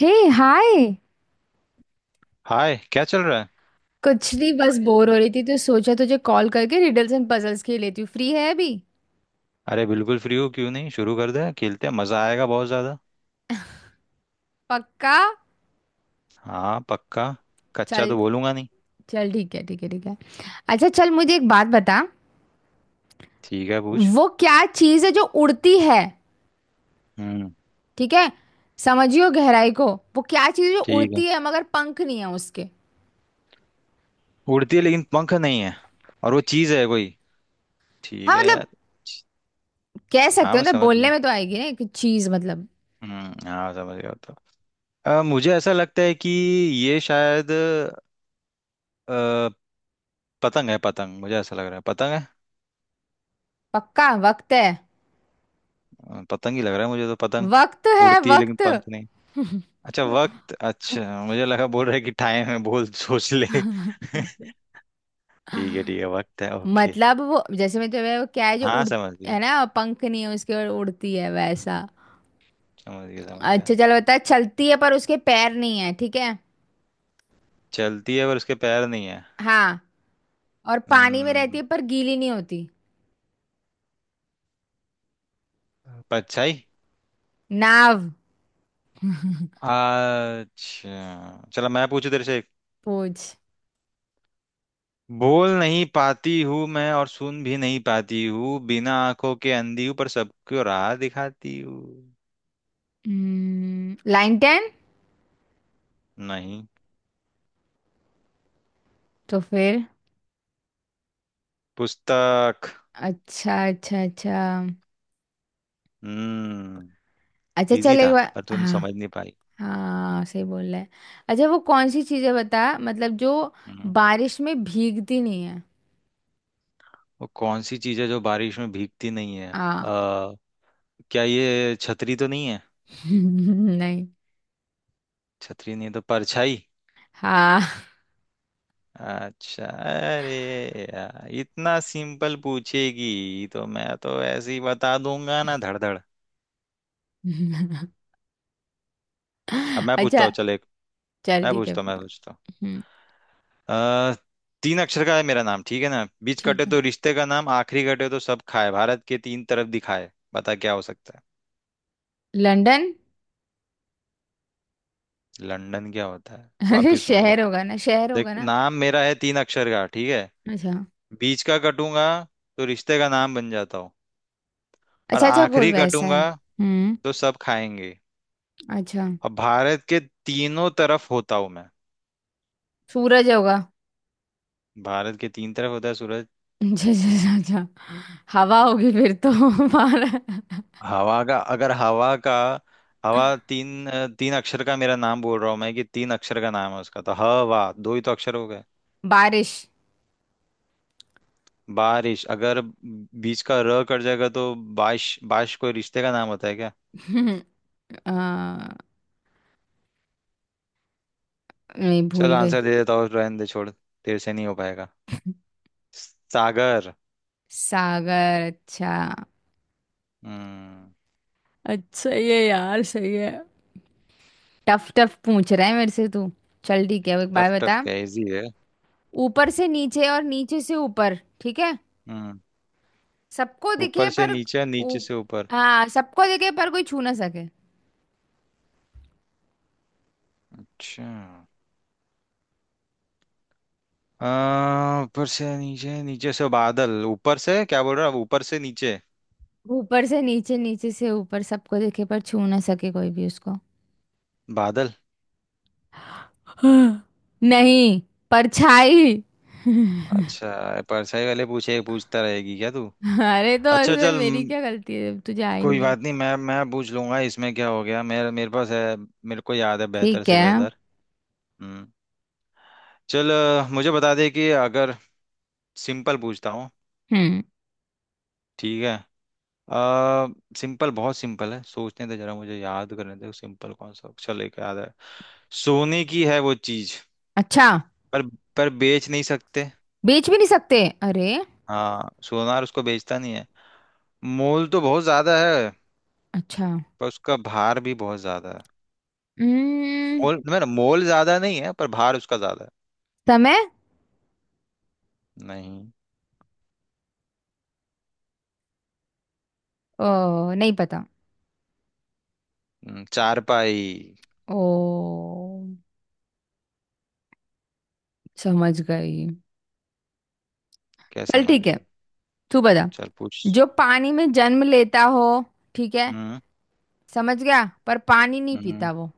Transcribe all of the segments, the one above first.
हे। Hi. Hi, क्या चल रहा है। कुछ नहीं, बस बोर हो रही थी तो सोचा तुझे कॉल करके रिडल्स एंड पजल्स खेल लेती हूँ। फ्री है अभी? अरे बिल्कुल फ्री हो, क्यों नहीं। शुरू कर दे, खेलते हैं, मजा आएगा बहुत ज्यादा। पक्का? हाँ पक्का। कच्चा चल, तो बोलूंगा नहीं। चल ठीक है, ठीक है ठीक है। अच्छा चल, मुझे एक बात बता, ठीक है, पूछ। वो क्या चीज़ है जो उड़ती है? हम्म। ठीक है, समझियो गहराई को। वो क्या चीज़ है जो ठीक है। उड़ती है मगर पंख नहीं है उसके? उड़ती है लेकिन पंख नहीं है। और वो चीज है कोई? ठीक हाँ है मतलब, यार। कह हाँ, सकते हो मैं ना, समझ बोलने गया। में तो आएगी ना एक चीज़, मतलब। हम्म, हाँ, समझ गया तो। मुझे ऐसा लगता है कि ये शायद पतंग है। पतंग, मुझे ऐसा लग रहा है, पतंग है। पक्का वक्त है। पतंग ही लग रहा है मुझे तो। पतंग वक्त है, उड़ती है लेकिन वक्त पंख नहीं। अच्छा ठीक वक्त, अच्छा मुझे लगा बोल रहे कि टाइम है, बोल सोच ले। है। ठीक है, ठीक है, वक्त है, ओके। मतलब वो जैसे मैं तुम्हें, वो क्या है जो हाँ उड़, समझ है गया। ना, पंख नहीं है उसके और उड़ती है, हम्म, वैसा। समझ गया समझ गया। अच्छा चलो बता, चलती है पर उसके पैर नहीं है, ठीक है। चलती है पर उसके पैर नहीं है। हाँ। और पानी में रहती हम्म, है पर गीली नहीं होती। परछाई। नाव। अच्छा चलो, मैं पूछू तेरे से एक। पूछ। बोल नहीं पाती हूँ मैं और सुन भी नहीं पाती हूँ, बिना आंखों के अंधी हूँ पर सबको राह दिखाती हूँ। Line ten. नहीं। तो फिर? पुस्तक। अच्छा अच्छा अच्छा। हम्म। अच्छा इजी चल एक था बार, पर तूने हाँ। समझ नहीं पाई। हाँ सही बोल रहा है। अच्छा वो कौन सी चीज़ है बता, मतलब जो हम्म। बारिश में भीगती नहीं है। वो कौन सी चीज है जो बारिश में भीगती नहीं है? हाँ। क्या ये छतरी तो नहीं है? नहीं। छतरी नहीं तो परछाई। हाँ। अच्छा अरे, यार इतना सिंपल पूछेगी तो मैं तो ऐसे ही बता दूंगा ना, धड़धड़। अब मैं पूछता अच्छा। हूँ, चल एक। चल मैं ठीक है। पूछता हूँ मैं पूछता हम्म। हूँ तीन अक्षर का है मेरा नाम, ठीक है ना? बीच ठीक कटे है। तो रिश्ते का नाम, आखिरी कटे तो सब खाए, भारत के तीन तरफ दिखाए, बता क्या हो सकता है? लंदन। लंदन क्या होता है? अरे वापिस सुन ले। शहर होगा ना, शहर देख, होगा ना। नाम मेरा है तीन अक्षर का, ठीक है। अच्छा बीच का कटूंगा तो रिश्ते का नाम बन जाता हूँ। और अच्छा अच्छा, कोई आखिरी वैसा है। कटूंगा हम्म। तो सब खाएंगे। अच्छा। और भारत के तीनों तरफ होता हूँ मैं। सूरज होगा। भारत के तीन तरफ होता है सूरज? अच्छा अच्छा अच्छा। अच्छा। हवा होगी फिर तो। बार- हवा का अगर हवा का, हवा तीन अक्षर का मेरा नाम बोल रहा हूँ मैं कि तीन अक्षर का नाम है उसका, तो हवा दो ही तो अक्षर हो गए। बारिश। बारिश, अगर बीच का र कट जाएगा तो। बारिश, बारिश कोई रिश्ते का नाम होता है क्या? हम्म, आ, नहीं चल भूल गई। आंसर दे देता हूँ, रहने दे, छोड़, तेरे से नहीं हो पाएगा। सागर। सागर। अच्छा। हम्म। अच्छा ये यार सही है। टफ टफ पूछ रहा है मेरे से तू। चल ठीक है, अब एक बात टफ टफ बता। क्या, इजी है। ऊपर से नीचे और नीचे से ऊपर, ठीक है। हम्म। सबको दिखे ऊपर से पर, नीचे, ऊ- नीचे से ऊपर। हाँ सबको दिखे पर कोई छू ना सके। अच्छा। ऊपर से नीचे, नीचे से बादल, ऊपर से क्या बोल रहा है? ऊपर से नीचे। ऊपर से नीचे, नीचे से ऊपर, सबको दिखे पर छू ना सके कोई भी उसको। बादल। नहीं। परछाई। अच्छा, परसाई वाले पूछे पूछता रहेगी क्या तू? अरे तो अच्छा ऐसे चल, मेरी क्या गलती है जब तुझे आ ही कोई नहीं रहा। बात नहीं, मैं पूछ लूंगा, इसमें क्या हो गया, मेरे मेरे पास है। मेरे को याद है बेहतर ठीक से है। बेहतर। हम्म। चल, मुझे बता दे कि अगर। सिंपल पूछता हूँ। हम्म। ठीक है। आ, सिंपल, बहुत सिंपल है, सोचने दे जरा, मुझे याद करने दे, सिंपल कौन सा अक्षर लेके याद है। सोने की है वो चीज। अच्छा। पर पर बेच नहीं सकते। बेच भी नहीं सकते, अरे। हाँ, सोनार उसको बेचता नहीं है। मोल तो बहुत ज्यादा है। अच्छा। पर उसका भार भी बहुत ज्यादा है। हम्म। मोल मेरा मोल ज्यादा नहीं है पर भार उसका ज्यादा है। समय। नहीं। ओ नहीं पता। चारपाई। ओ समझ गई। क्या चल समझ ठीक है। गई? तू बता, चल पूछ। जो पानी में जन्म लेता हो, ठीक है, हम्म, समझ गया पर पानी नहीं पीता हम्म। वो,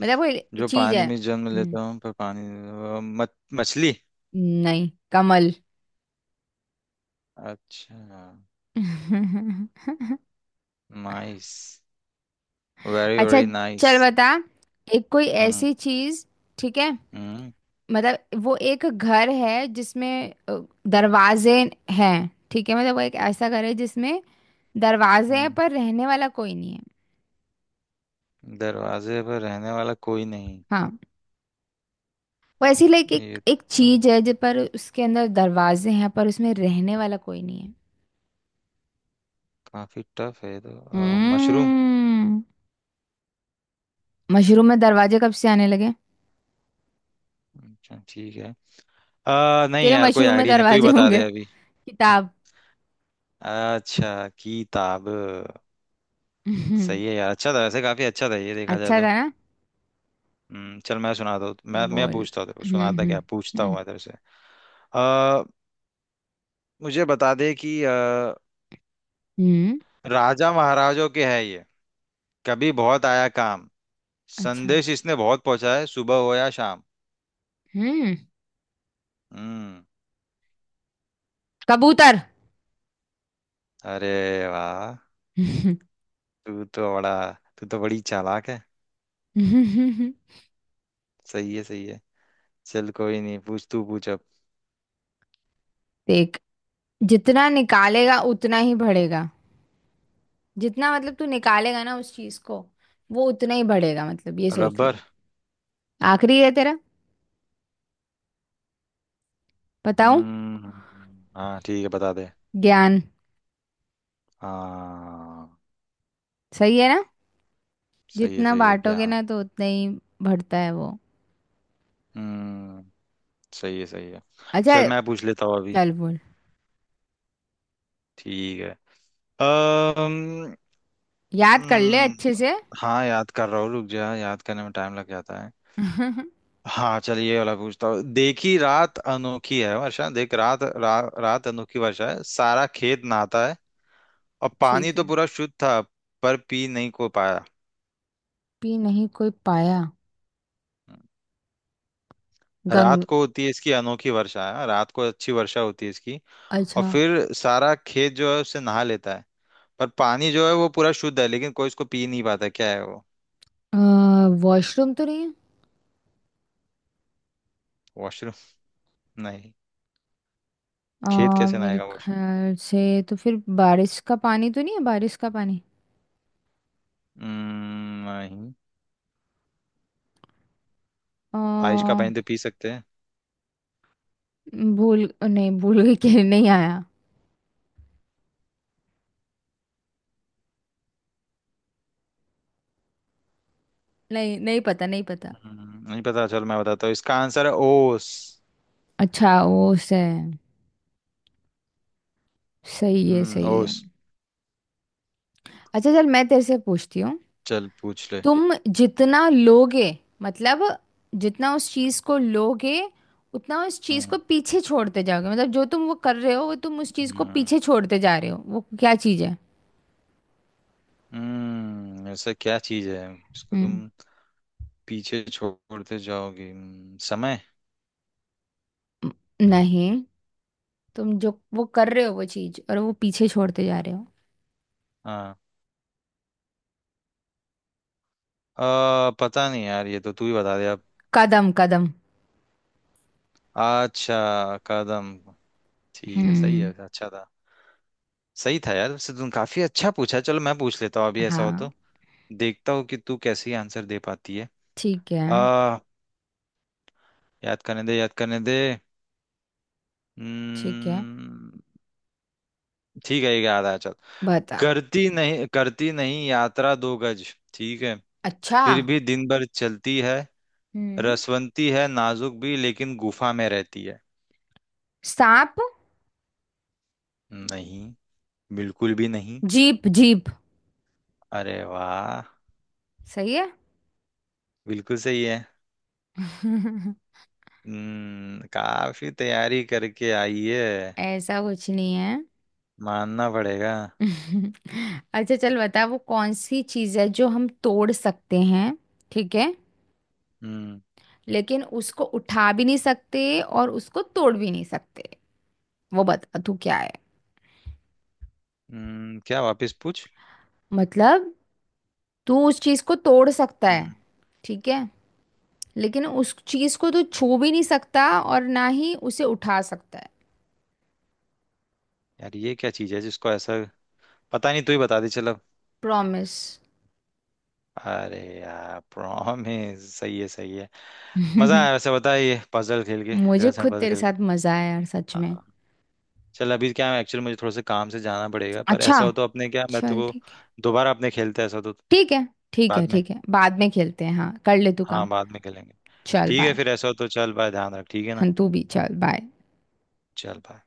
मतलब कोई जो चीज पानी है। में जन्म लेता हूँ पर पानी। मछली। नहीं। कमल। अच्छा। नाइस। वेरी अच्छा वेरी नाइस। चल बता, एक कोई हम्म, ऐसी चीज, ठीक है, हम्म, मतलब वो एक घर है जिसमें अ, दरवाजे हैं, ठीक है, मतलब वो एक ऐसा घर है जिसमें दरवाजे हैं हम्म। पर रहने वाला कोई नहीं है। दरवाजे, पर रहने वाला कोई नहीं। हाँ। वो ऐसी लाइक एक ये एक तो चीज है जिस पर उसके अंदर दरवाजे हैं पर उसमें रहने वाला कोई नहीं है। काफी टफ है ये तो। मशरूम। हम्म। मशरूम में दरवाजे कब से आने लगे? अच्छा ठीक है। नहीं तेरे यार, कोई मशरूम में आइडिया नहीं, तू ही दरवाजे बता होंगे। दे अभी। किताब। अच्छा, किताब। हम्म, सही है यार, अच्छा था वैसे, काफी अच्छा था ये देखा जाए अच्छा तो। था ना। चल, मैं सुनाता हूँ, मैं बोल। पूछता हूँ तेरे को, हम्म सुनाता हम्म क्या, पूछता हूँ हम्म। मैं तेरे से। आ, मुझे बता दे कि हम्म, राजा महाराजों के है ये, कभी बहुत आया काम, अच्छा। संदेश इसने बहुत पहुंचा है, सुबह हो या शाम। हम्म। हम्म। कबूतर। अरे वाह। हम्म, तू तो बड़ा तू तो बड़ी चालाक है। सही है, सही है। चल कोई नहीं, पूछ, तू पूछ अब। देख, जितना निकालेगा उतना ही बढ़ेगा। जितना मतलब तू निकालेगा ना उस चीज को, वो उतना ही बढ़ेगा, मतलब ये सोच ले। रबर। आखिरी है तेरा। बताऊं? हम्म, हाँ ठीक है, बता दे। ज्ञान। हाँ, सही है ना, सही है, जितना सही है, बांटोगे ज्ञान। ना तो उतना ही बढ़ता है वो। हम्म। सही है, सही है। अच्छा। चल, मैं पूछ लेता हूँ अभी। चल बोल, ठीक है। अम्म याद कर ले अच्छे हम्म, से। हाँ याद कर रहा हूँ, रुक जा, याद करने में टाइम लग जाता है। हाँ चलिए, ये वाला पूछता हूँ, देखी रात अनोखी है वर्षा, देख रात, रात अनोखी वर्षा है, सारा खेत नहाता है। और पानी ठीक तो है। पूरा शुद्ध था। पर पी नहीं को पाया। पी नहीं कोई पाया। गंग। रात को होती है इसकी अनोखी वर्षा है, रात को अच्छी वर्षा होती है इसकी। और अच्छा, फिर सारा खेत जो है उससे नहा लेता है। पर पानी जो है वो पूरा शुद्ध है, लेकिन कोई इसको पी नहीं पाता, क्या है वो? वॉशरूम तो नहीं है? वॉशरूम? नहीं। खेत कैसे मेरे नहाएगा वॉशरूम? ख्याल से तो फिर बारिश का पानी तो नहीं है, बारिश का पानी। नहीं। अ, बारिश का पानी तो पी सकते हैं। भूल नहीं, भूल गई कि नहीं आया। नहीं, नहीं पता, नहीं पता। नहीं पता, चलो मैं बताता हूँ, इसका आंसर है ओस। अच्छा, वो से सही है, हम्म सही ओ है। स- अच्छा चल मैं तेरे से पूछती हूँ। चल पूछ ले। तुम जितना लोगे, मतलब जितना उस चीज को लोगे, उतना उस चीज को हम्म, पीछे छोड़ते जाओगे, मतलब जो तुम वो कर रहे हो, वो तुम उस चीज को हम्म। पीछे छोड़ते जा रहे हो, वो क्या चीज है? ऐसा क्या चीज है इसको तुम हम्म। पीछे छोड़ते जाओगी, समय। म- नहीं, तुम जो वो कर रहे हो वो चीज, और वो पीछे छोड़ते जा रहे हो। हाँ। पता नहीं यार, ये तो तू ही बता दे अब। कदम कदम। अच्छा, कदम। ठीक है, सही हम्म है, अच्छा था। सही था यार वैसे, तुम काफी अच्छा पूछा, चलो मैं पूछ लेता हूँ अभी ऐसा हो हाँ तो। देखता हूँ कि तू कैसे आंसर दे पाती है। ठीक है। आ याद करने दे, याद करने दे। ठीक है हम्म। ठीक है, ये याद आया, चल। बता। करती नहीं, करती नहीं यात्रा 2 गज। ठीक है। अच्छा। फिर भी दिन भर चलती है। हम्म। रसवंती है, नाजुक भी लेकिन गुफा में रहती है। सांप। नहीं। बिल्कुल भी नहीं। Jeep jeep. अरे वाह। सही है। बिल्कुल सही है। काफी तैयारी करके आई है। ऐसा कुछ नहीं है। मानना पड़ेगा। अच्छा चल बता, वो कौन सी चीज है जो हम तोड़ सकते हैं, ठीक है, हम्म, लेकिन उसको उठा भी नहीं सकते और उसको तोड़ भी नहीं सकते। वो बता तू क्या है। क्या? वापस पूछ। मतलब तू उस चीज को तोड़ सकता है, हम्म। ठीक है, लेकिन उस चीज को तू छू भी नहीं सकता और ना ही उसे उठा सकता है। यार ये क्या चीज है जिसको ऐसा। पता नहीं, तू ही बता दे चलो। प्रॉमिस। अरे यार, प्रॉमिस, सही है, सही है। मजा आया वैसे, बता ये पजल खेल के, मुझे रिडल्स एंड खुद पजल तेरे खेल के। साथ मजा आया यार, सच में। हाँ। चल, अभी क्या है, एक्चुअली मुझे थोड़ा सा काम से जाना पड़ेगा, पर अच्छा। ऐसा हो तो अपने, क्या मैं तो चल को। ठीक है। दोबारा अपने खेलते हैं ऐसा हो तो। ठीक है ठीक है, बाद में। ठीक है बाद में खेलते हैं, हाँ कर ले तू हाँ, काम। बाद में खेलेंगे। चल ठीक है, बाय। फिर ऐसा हो तो, चल बाय, ध्यान रख, ठीक है ना। 很杜比，चल बाय। चल बाय।